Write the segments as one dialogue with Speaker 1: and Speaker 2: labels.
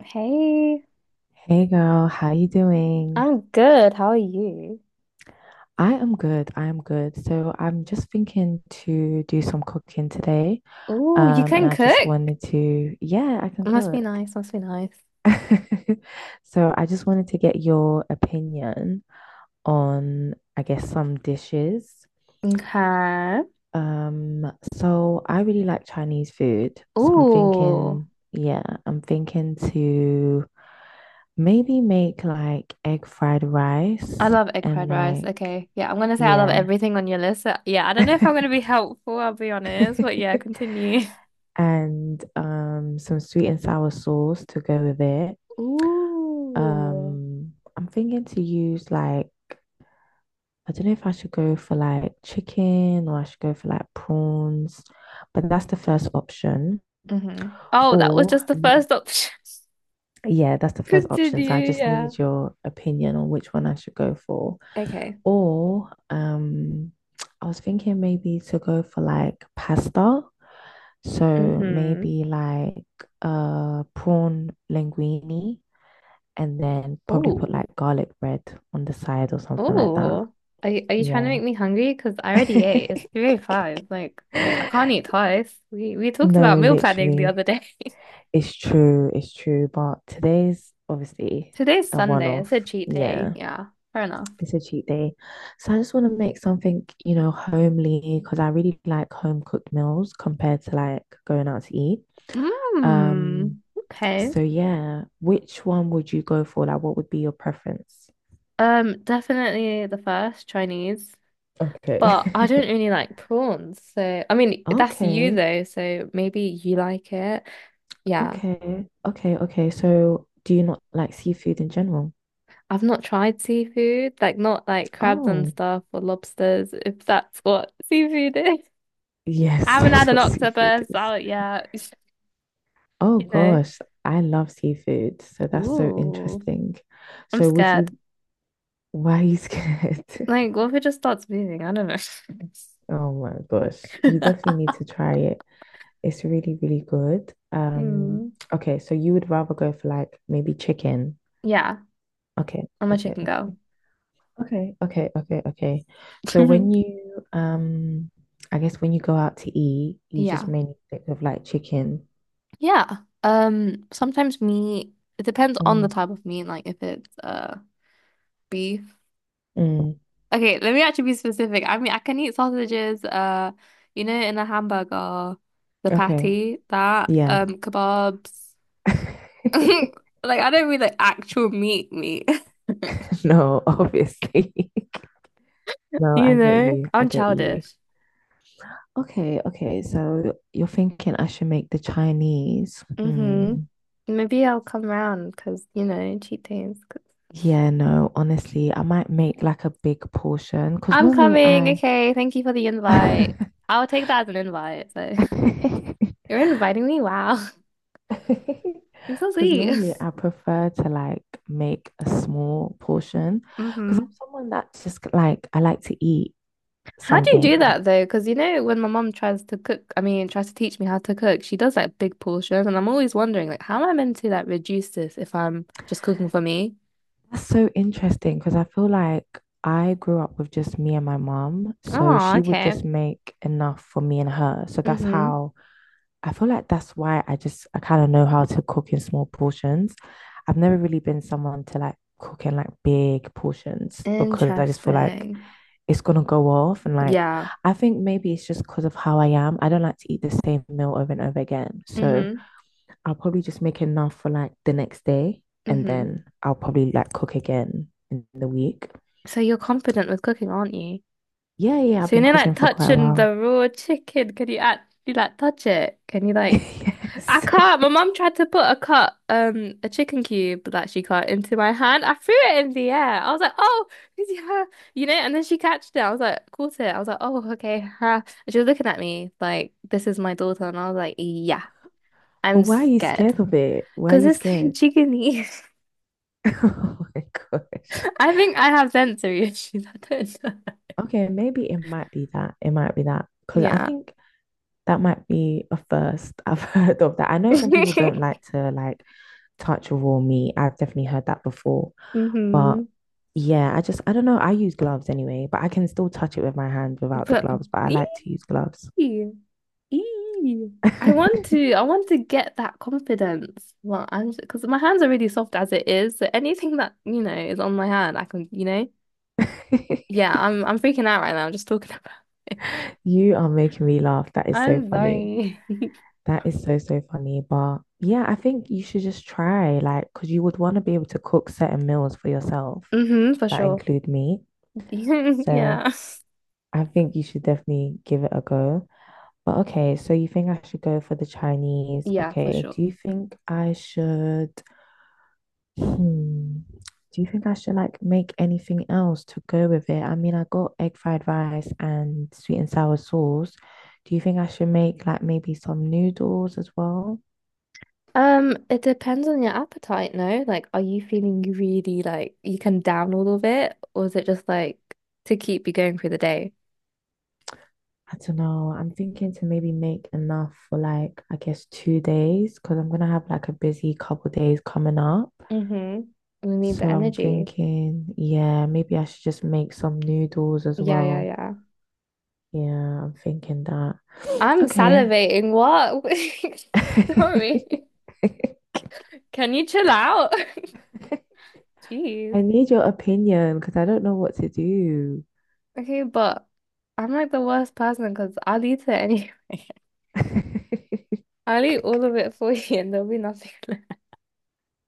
Speaker 1: Hey,
Speaker 2: Hey girl, how you doing?
Speaker 1: I'm good. How are you?
Speaker 2: I am good. I am good. So I'm just thinking to do some cooking today.
Speaker 1: Oh, you
Speaker 2: And
Speaker 1: can
Speaker 2: I just
Speaker 1: cook?
Speaker 2: wanted to, yeah, I can
Speaker 1: Must be
Speaker 2: cook.
Speaker 1: nice. Must be nice.
Speaker 2: So I just wanted to get your opinion on, I guess, some dishes.
Speaker 1: Okay.
Speaker 2: So I really like Chinese food. So I'm
Speaker 1: Oh,
Speaker 2: thinking, yeah, I'm thinking to maybe make like egg fried
Speaker 1: I
Speaker 2: rice
Speaker 1: love egg
Speaker 2: and
Speaker 1: fried rice.
Speaker 2: like,
Speaker 1: Okay. Yeah, I'm gonna say I love
Speaker 2: yeah.
Speaker 1: everything on your list. Yeah, I don't know if I'm gonna be helpful, I'll be honest, but yeah, continue.
Speaker 2: And some sweet and sour sauce to go with it.
Speaker 1: Ooh.
Speaker 2: I'm thinking to use like, I don't know if I should go for like chicken or I should go for like prawns, but that's the first option.
Speaker 1: Mm-hmm. Oh, that was
Speaker 2: Or,
Speaker 1: just the
Speaker 2: Mhm.
Speaker 1: first option.
Speaker 2: Yeah, that's the first option. So I
Speaker 1: Continue,
Speaker 2: just
Speaker 1: yeah.
Speaker 2: need your opinion on which one I should go for.
Speaker 1: Okay.
Speaker 2: Or, um, I was thinking maybe to go for like pasta. So
Speaker 1: Mm-hmm.
Speaker 2: maybe like prawn linguine and then probably put
Speaker 1: Ooh.
Speaker 2: like garlic bread on the side or something like that.
Speaker 1: Oh, are you trying to
Speaker 2: Yeah.
Speaker 1: make me hungry? Because I already ate. It's 3:05. Like, I can't eat twice. We talked about
Speaker 2: No,
Speaker 1: meal planning the other
Speaker 2: literally.
Speaker 1: day.
Speaker 2: It's true, it's true. But today's obviously
Speaker 1: Today's
Speaker 2: a
Speaker 1: Sunday. It's a
Speaker 2: one-off.
Speaker 1: cheat day.
Speaker 2: Yeah.
Speaker 1: Yeah, fair enough.
Speaker 2: It's a cheat day. So I just want to make something, you know, homely because I really like home cooked meals compared to like going out to eat. Um,
Speaker 1: Mmm. Okay.
Speaker 2: So yeah, which one would you go for? Like, what would be your preference?
Speaker 1: Definitely the first Chinese,
Speaker 2: Okay.
Speaker 1: but I don't really like prawns. So, I mean, that's you
Speaker 2: Okay,
Speaker 1: though. So maybe you like it. Yeah.
Speaker 2: okay, okay, okay. So do you not like seafood in general?
Speaker 1: I've not tried seafood, like not like crabs and
Speaker 2: Oh,
Speaker 1: stuff or lobsters, if that's what seafood is. I
Speaker 2: yes,
Speaker 1: haven't had
Speaker 2: that's
Speaker 1: an
Speaker 2: what seafood
Speaker 1: octopus
Speaker 2: is.
Speaker 1: out yet.
Speaker 2: Oh
Speaker 1: You know.
Speaker 2: gosh, I love seafood. So that's so
Speaker 1: Ooh,
Speaker 2: interesting.
Speaker 1: I'm
Speaker 2: So would
Speaker 1: scared.
Speaker 2: why are you scared?
Speaker 1: Like, what if it just starts moving? I don't know.
Speaker 2: Oh my gosh, you definitely need to try it. It's really, really good. Um,
Speaker 1: Mm.
Speaker 2: okay, so you would rather go for like maybe chicken.
Speaker 1: Yeah,
Speaker 2: Okay,
Speaker 1: I'm a
Speaker 2: okay,
Speaker 1: chicken girl.
Speaker 2: okay, okay, okay, okay, okay. So when I guess when you go out to eat, you just
Speaker 1: Yeah.
Speaker 2: mainly think of like chicken.
Speaker 1: Yeah. Sometimes meat, it depends on the
Speaker 2: Mm,
Speaker 1: type of meat, like if it's beef.
Speaker 2: mm,
Speaker 1: Okay, let me actually be specific. I mean, I can eat sausages, you know, in a hamburger, the
Speaker 2: okay,
Speaker 1: patty, that,
Speaker 2: yeah.
Speaker 1: kebabs. Like I don't mean like actual meat meat.
Speaker 2: No, obviously. No,
Speaker 1: You
Speaker 2: I get
Speaker 1: know,
Speaker 2: you. I
Speaker 1: I'm
Speaker 2: get you.
Speaker 1: childish.
Speaker 2: Okay, okay. So you're thinking I should make the Chinese. Hmm.
Speaker 1: Mm-hmm. Maybe I'll come round because, you know, cheat days.
Speaker 2: Yeah, no, honestly, I might make like a big portion
Speaker 1: i
Speaker 2: because
Speaker 1: I'm
Speaker 2: normally
Speaker 1: coming.
Speaker 2: I
Speaker 1: Okay. Thank you for the invite. I'll take that as an invite. So you're inviting me? Wow. You're so
Speaker 2: because
Speaker 1: sweet.
Speaker 2: normally I prefer to like make a small portion because I'm
Speaker 1: Mm-hmm.
Speaker 2: someone that just like I like to eat
Speaker 1: How do you do
Speaker 2: something.
Speaker 1: that though? Because, you know, when my mom tries to cook, I mean, tries to teach me how to cook, she does like big portions. And I'm always wondering, like, how am I meant to like reduce this if I'm just cooking for me?
Speaker 2: That's so interesting because I feel like I grew up with just me and my mom, so
Speaker 1: Oh,
Speaker 2: she would
Speaker 1: okay.
Speaker 2: just make enough for me and her. So that's
Speaker 1: Mm-hmm.
Speaker 2: how I feel like that's why I kind of know how to cook in small portions. I've never really been someone to like cook in like big portions because I just feel like
Speaker 1: Interesting.
Speaker 2: it's gonna go off. And like,
Speaker 1: Yeah.
Speaker 2: I think maybe it's just because of how I am. I don't like to eat the same meal over and over again. So
Speaker 1: Mm-hmm.
Speaker 2: I'll probably just make enough for like the next day, and
Speaker 1: Mm-hmm.
Speaker 2: then I'll probably like cook again in the week.
Speaker 1: So you're confident with cooking, aren't you?
Speaker 2: Yeah, yeah, I've
Speaker 1: So you
Speaker 2: been
Speaker 1: are like
Speaker 2: cooking for quite a
Speaker 1: touching
Speaker 2: while.
Speaker 1: the raw chicken, can you actually like touch it? Can you like? I
Speaker 2: Yes.
Speaker 1: can't. My mum tried to put a cut, a chicken cube that she cut into my hand. I threw it in the air. I was like, "Oh, yeah," you know. And then she catched it. I was like, caught it. I was like, "Oh, okay." ha." And she was looking at me like, "This is my daughter," and I was like, "Yeah,
Speaker 2: But
Speaker 1: I'm
Speaker 2: why are you
Speaker 1: scared
Speaker 2: scared of it? Why are
Speaker 1: because
Speaker 2: you
Speaker 1: it's so
Speaker 2: scared?
Speaker 1: chickeny."
Speaker 2: Oh my gosh.
Speaker 1: I think I have sensory issues. I don't know.
Speaker 2: Okay, maybe it might be that. It might be that. Because I
Speaker 1: Yeah.
Speaker 2: think that might be a first I've heard of that. I know some people don't like to like touch raw meat. I've definitely heard that before. But
Speaker 1: Mm-hmm.
Speaker 2: yeah, I don't know. I use gloves anyway, but I can still touch it with my hand without the
Speaker 1: But
Speaker 2: gloves, but I
Speaker 1: ee,
Speaker 2: like to use gloves.
Speaker 1: ee. I want to I want to get that confidence. Well, I'm because my hands are really soft as it is, so anything that, you know, is on my hand, I can, you know. Yeah, I'm freaking out right now just talking about it.
Speaker 2: You are making me laugh. That is so
Speaker 1: I'm
Speaker 2: funny.
Speaker 1: sorry.
Speaker 2: That is so, so funny. But yeah, I think you should just try, like, because you would want to be able to cook certain meals for yourself
Speaker 1: Mm-hmm, for
Speaker 2: that
Speaker 1: sure.
Speaker 2: include meat. So
Speaker 1: Yeah.
Speaker 2: I think you should definitely give it a go. But okay, so you think I should go for the Chinese?
Speaker 1: Yeah, for
Speaker 2: Okay,
Speaker 1: sure.
Speaker 2: do you think I hmm, do you think I should like make anything else to go with it? I mean, I got egg fried rice and sweet and sour sauce. Do you think I should make like maybe some noodles as well?
Speaker 1: It depends on your appetite, no? Like, are you feeling really like you can down all of it, or is it just like to keep you going through the day?
Speaker 2: I don't know. I'm thinking to maybe make enough for like, I guess 2 days because I'm gonna have like a busy couple days coming up.
Speaker 1: Hmm. We need the
Speaker 2: So I'm
Speaker 1: energy.
Speaker 2: thinking, yeah, maybe I should just make some noodles as
Speaker 1: Yeah, yeah,
Speaker 2: well.
Speaker 1: yeah.
Speaker 2: Yeah, I'm thinking that.
Speaker 1: I'm
Speaker 2: Okay.
Speaker 1: salivating. What?
Speaker 2: I
Speaker 1: Sorry. Can you chill out? Jeez.
Speaker 2: need your opinion because I don't know what to do.
Speaker 1: Okay, but I'm like the worst person because I'll eat it anyway. I'll eat all of it for you and there'll be nothing left.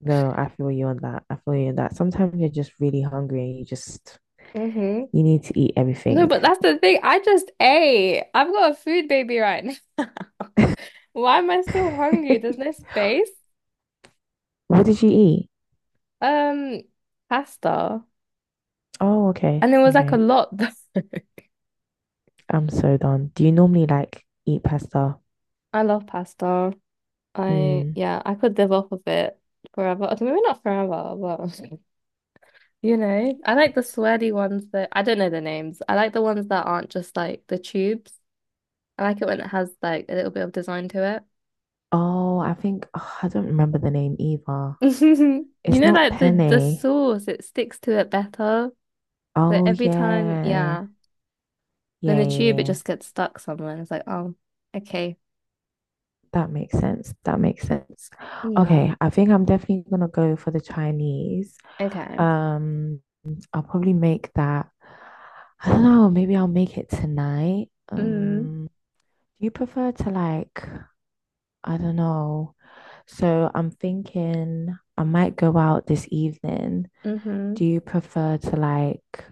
Speaker 2: No, I feel you on that. I feel you on that. Sometimes you're just really hungry and
Speaker 1: Hmm.
Speaker 2: you need to eat
Speaker 1: No,
Speaker 2: everything.
Speaker 1: but that's the thing. I just ate. I've got a food baby right now. Why am I still hungry? There's no space.
Speaker 2: What did you eat?
Speaker 1: Um, Pasta.
Speaker 2: Oh, okay.
Speaker 1: And it was like a
Speaker 2: Okay.
Speaker 1: lot though.
Speaker 2: I'm so done. Do you normally like eat pasta?
Speaker 1: I love pasta. I
Speaker 2: Hmm.
Speaker 1: Yeah, I could live off of it forever. Okay, maybe not forever, but you know, I like the sweaty ones that I don't know the names. I like the ones that aren't just like the tubes. I like it when it has like a little bit of design to
Speaker 2: Oh, I think oh, I don't remember the name either.
Speaker 1: it. You
Speaker 2: It's
Speaker 1: know,
Speaker 2: not
Speaker 1: like the
Speaker 2: penne.
Speaker 1: sauce, it sticks to it better. So
Speaker 2: Oh
Speaker 1: every time,
Speaker 2: yeah.
Speaker 1: yeah, when
Speaker 2: Yeah,
Speaker 1: the
Speaker 2: yeah,
Speaker 1: tube it
Speaker 2: yeah.
Speaker 1: just gets stuck somewhere. And it's like, oh, okay,
Speaker 2: That makes sense. That makes sense.
Speaker 1: yeah,
Speaker 2: Okay, I think I'm definitely gonna go for the Chinese.
Speaker 1: okay,
Speaker 2: Um, I'll probably make that. I don't know, maybe I'll make it tonight.
Speaker 1: mm,
Speaker 2: Do you prefer to I don't know. So I'm thinking I might go out this evening.
Speaker 1: mm-hmm.
Speaker 2: Do you prefer to like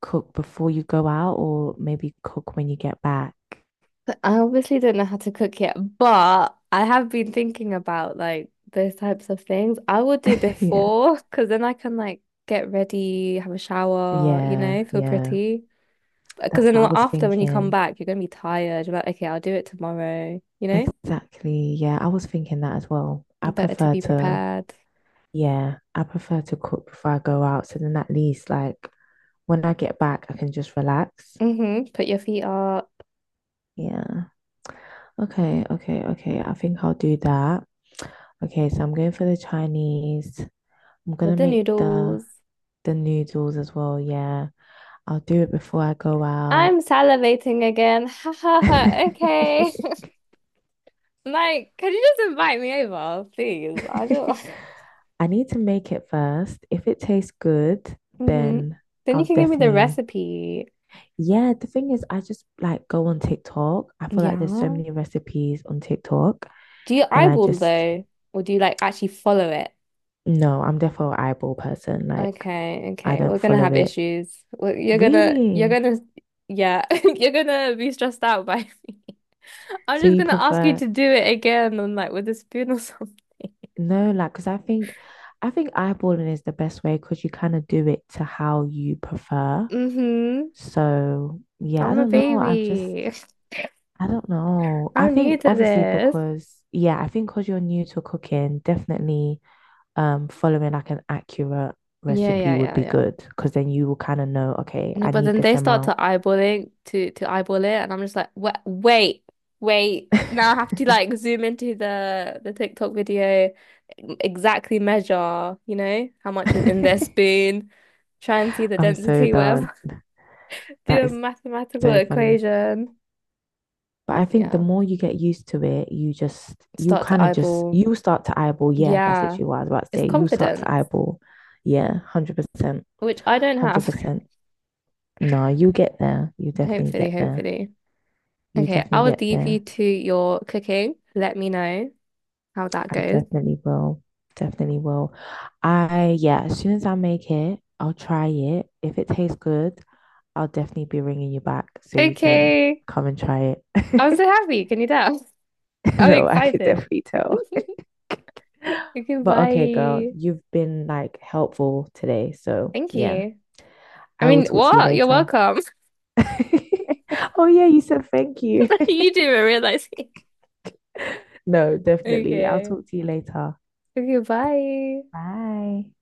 Speaker 2: cook before you go out or maybe cook when you get back?
Speaker 1: I obviously don't know how to cook yet, but I have been thinking about like those types of things. I will do
Speaker 2: Yeah.
Speaker 1: before because then I can like get ready, have a shower, you know,
Speaker 2: Yeah,
Speaker 1: feel
Speaker 2: yeah.
Speaker 1: pretty. Because
Speaker 2: That's
Speaker 1: then
Speaker 2: what I was
Speaker 1: after when you come
Speaker 2: thinking.
Speaker 1: back, you're gonna be tired. You're like, okay, I'll do it tomorrow, you know?
Speaker 2: Exactly. Yeah, I was thinking that as well.
Speaker 1: Better to be prepared.
Speaker 2: Yeah, I prefer to cook before I go out. So then at least like when I get back, I can just relax.
Speaker 1: Mm-hmm. Put your feet up
Speaker 2: Yeah. Okay, okay, okay. I think I'll do that. Okay, so I'm going for the Chinese. I'm
Speaker 1: with
Speaker 2: gonna
Speaker 1: the
Speaker 2: make the
Speaker 1: noodles.
Speaker 2: the noodles as well. Yeah. I'll do it before I go out.
Speaker 1: I'm salivating again. Ha ha ha. Okay. Like, can you just invite me over, please? I don't.
Speaker 2: I need to make it first. If it tastes good,
Speaker 1: Hmm.
Speaker 2: then
Speaker 1: Then you
Speaker 2: I'll
Speaker 1: can give me the
Speaker 2: definitely.
Speaker 1: recipe.
Speaker 2: Yeah, the thing is, I just like go on TikTok. I feel like there's so
Speaker 1: Yeah.
Speaker 2: many recipes on TikTok,
Speaker 1: Do you
Speaker 2: and
Speaker 1: eyeball though? Or do you like actually follow it?
Speaker 2: no, I'm definitely an eyeball person. Like,
Speaker 1: Okay,
Speaker 2: I
Speaker 1: okay.
Speaker 2: don't
Speaker 1: We're, gonna
Speaker 2: follow
Speaker 1: have
Speaker 2: it.
Speaker 1: issues. You're
Speaker 2: Really?
Speaker 1: gonna, yeah, you're gonna be stressed out by me. I'm
Speaker 2: So
Speaker 1: just
Speaker 2: you
Speaker 1: gonna ask you
Speaker 2: prefer,
Speaker 1: to do it again and like with a spoon or something.
Speaker 2: no, like, I think eyeballing is the best way because you kind of do it to how you prefer.
Speaker 1: Mm-hmm.
Speaker 2: So, yeah, I
Speaker 1: I'm a
Speaker 2: don't know.
Speaker 1: baby.
Speaker 2: I don't know. I
Speaker 1: I'm new
Speaker 2: think
Speaker 1: to
Speaker 2: obviously
Speaker 1: this.
Speaker 2: because yeah, I think because you're new to cooking, definitely following like an accurate
Speaker 1: Yeah,
Speaker 2: recipe
Speaker 1: yeah,
Speaker 2: would
Speaker 1: yeah,
Speaker 2: be
Speaker 1: yeah.
Speaker 2: good because then you will kind of know, okay,
Speaker 1: No,
Speaker 2: I
Speaker 1: but
Speaker 2: need
Speaker 1: then
Speaker 2: this
Speaker 1: they start to
Speaker 2: amount.
Speaker 1: eyeballing to eyeball it, and I'm just like, wait, wait, wait. Now I have to like zoom into the TikTok video, exactly measure, you know, how much is in their spoon, try and see the
Speaker 2: I'm so
Speaker 1: density,
Speaker 2: done.
Speaker 1: whatever.
Speaker 2: That
Speaker 1: Do a
Speaker 2: is
Speaker 1: mathematical
Speaker 2: so funny.
Speaker 1: equation.
Speaker 2: But I think the
Speaker 1: Yeah,
Speaker 2: more you get used to it, you just you
Speaker 1: start to
Speaker 2: kind of just
Speaker 1: eyeball.
Speaker 2: you start to eyeball. Yeah, that's
Speaker 1: Yeah,
Speaker 2: literally what I was about to
Speaker 1: it's
Speaker 2: say. You start to
Speaker 1: confidence,
Speaker 2: eyeball. Yeah, 100%.
Speaker 1: which I don't have.
Speaker 2: 100%. No, you get there. You definitely
Speaker 1: Hopefully,
Speaker 2: get there.
Speaker 1: hopefully.
Speaker 2: You
Speaker 1: Okay, I
Speaker 2: definitely
Speaker 1: will
Speaker 2: get
Speaker 1: leave you
Speaker 2: there.
Speaker 1: to your cooking. Let me know how that
Speaker 2: I
Speaker 1: goes.
Speaker 2: definitely will. Definitely will. I, yeah, as soon as I make it, I'll try it. If it tastes good, I'll definitely be ringing you back so you can
Speaker 1: Okay.
Speaker 2: come and try
Speaker 1: I'm
Speaker 2: it.
Speaker 1: so happy. Can you tell? I'm
Speaker 2: No, I could
Speaker 1: excited.
Speaker 2: definitely tell.
Speaker 1: Okay,
Speaker 2: But okay, girl,
Speaker 1: bye.
Speaker 2: you've been like helpful today. So
Speaker 1: Thank
Speaker 2: yeah,
Speaker 1: you. I
Speaker 2: I will
Speaker 1: mean,
Speaker 2: talk to you
Speaker 1: what? You're
Speaker 2: later.
Speaker 1: welcome.
Speaker 2: Oh, yeah, you said thank you.
Speaker 1: You didn't even realize.
Speaker 2: No, definitely. I'll
Speaker 1: Okay.
Speaker 2: talk to you later.
Speaker 1: Okay, bye.
Speaker 2: Bye.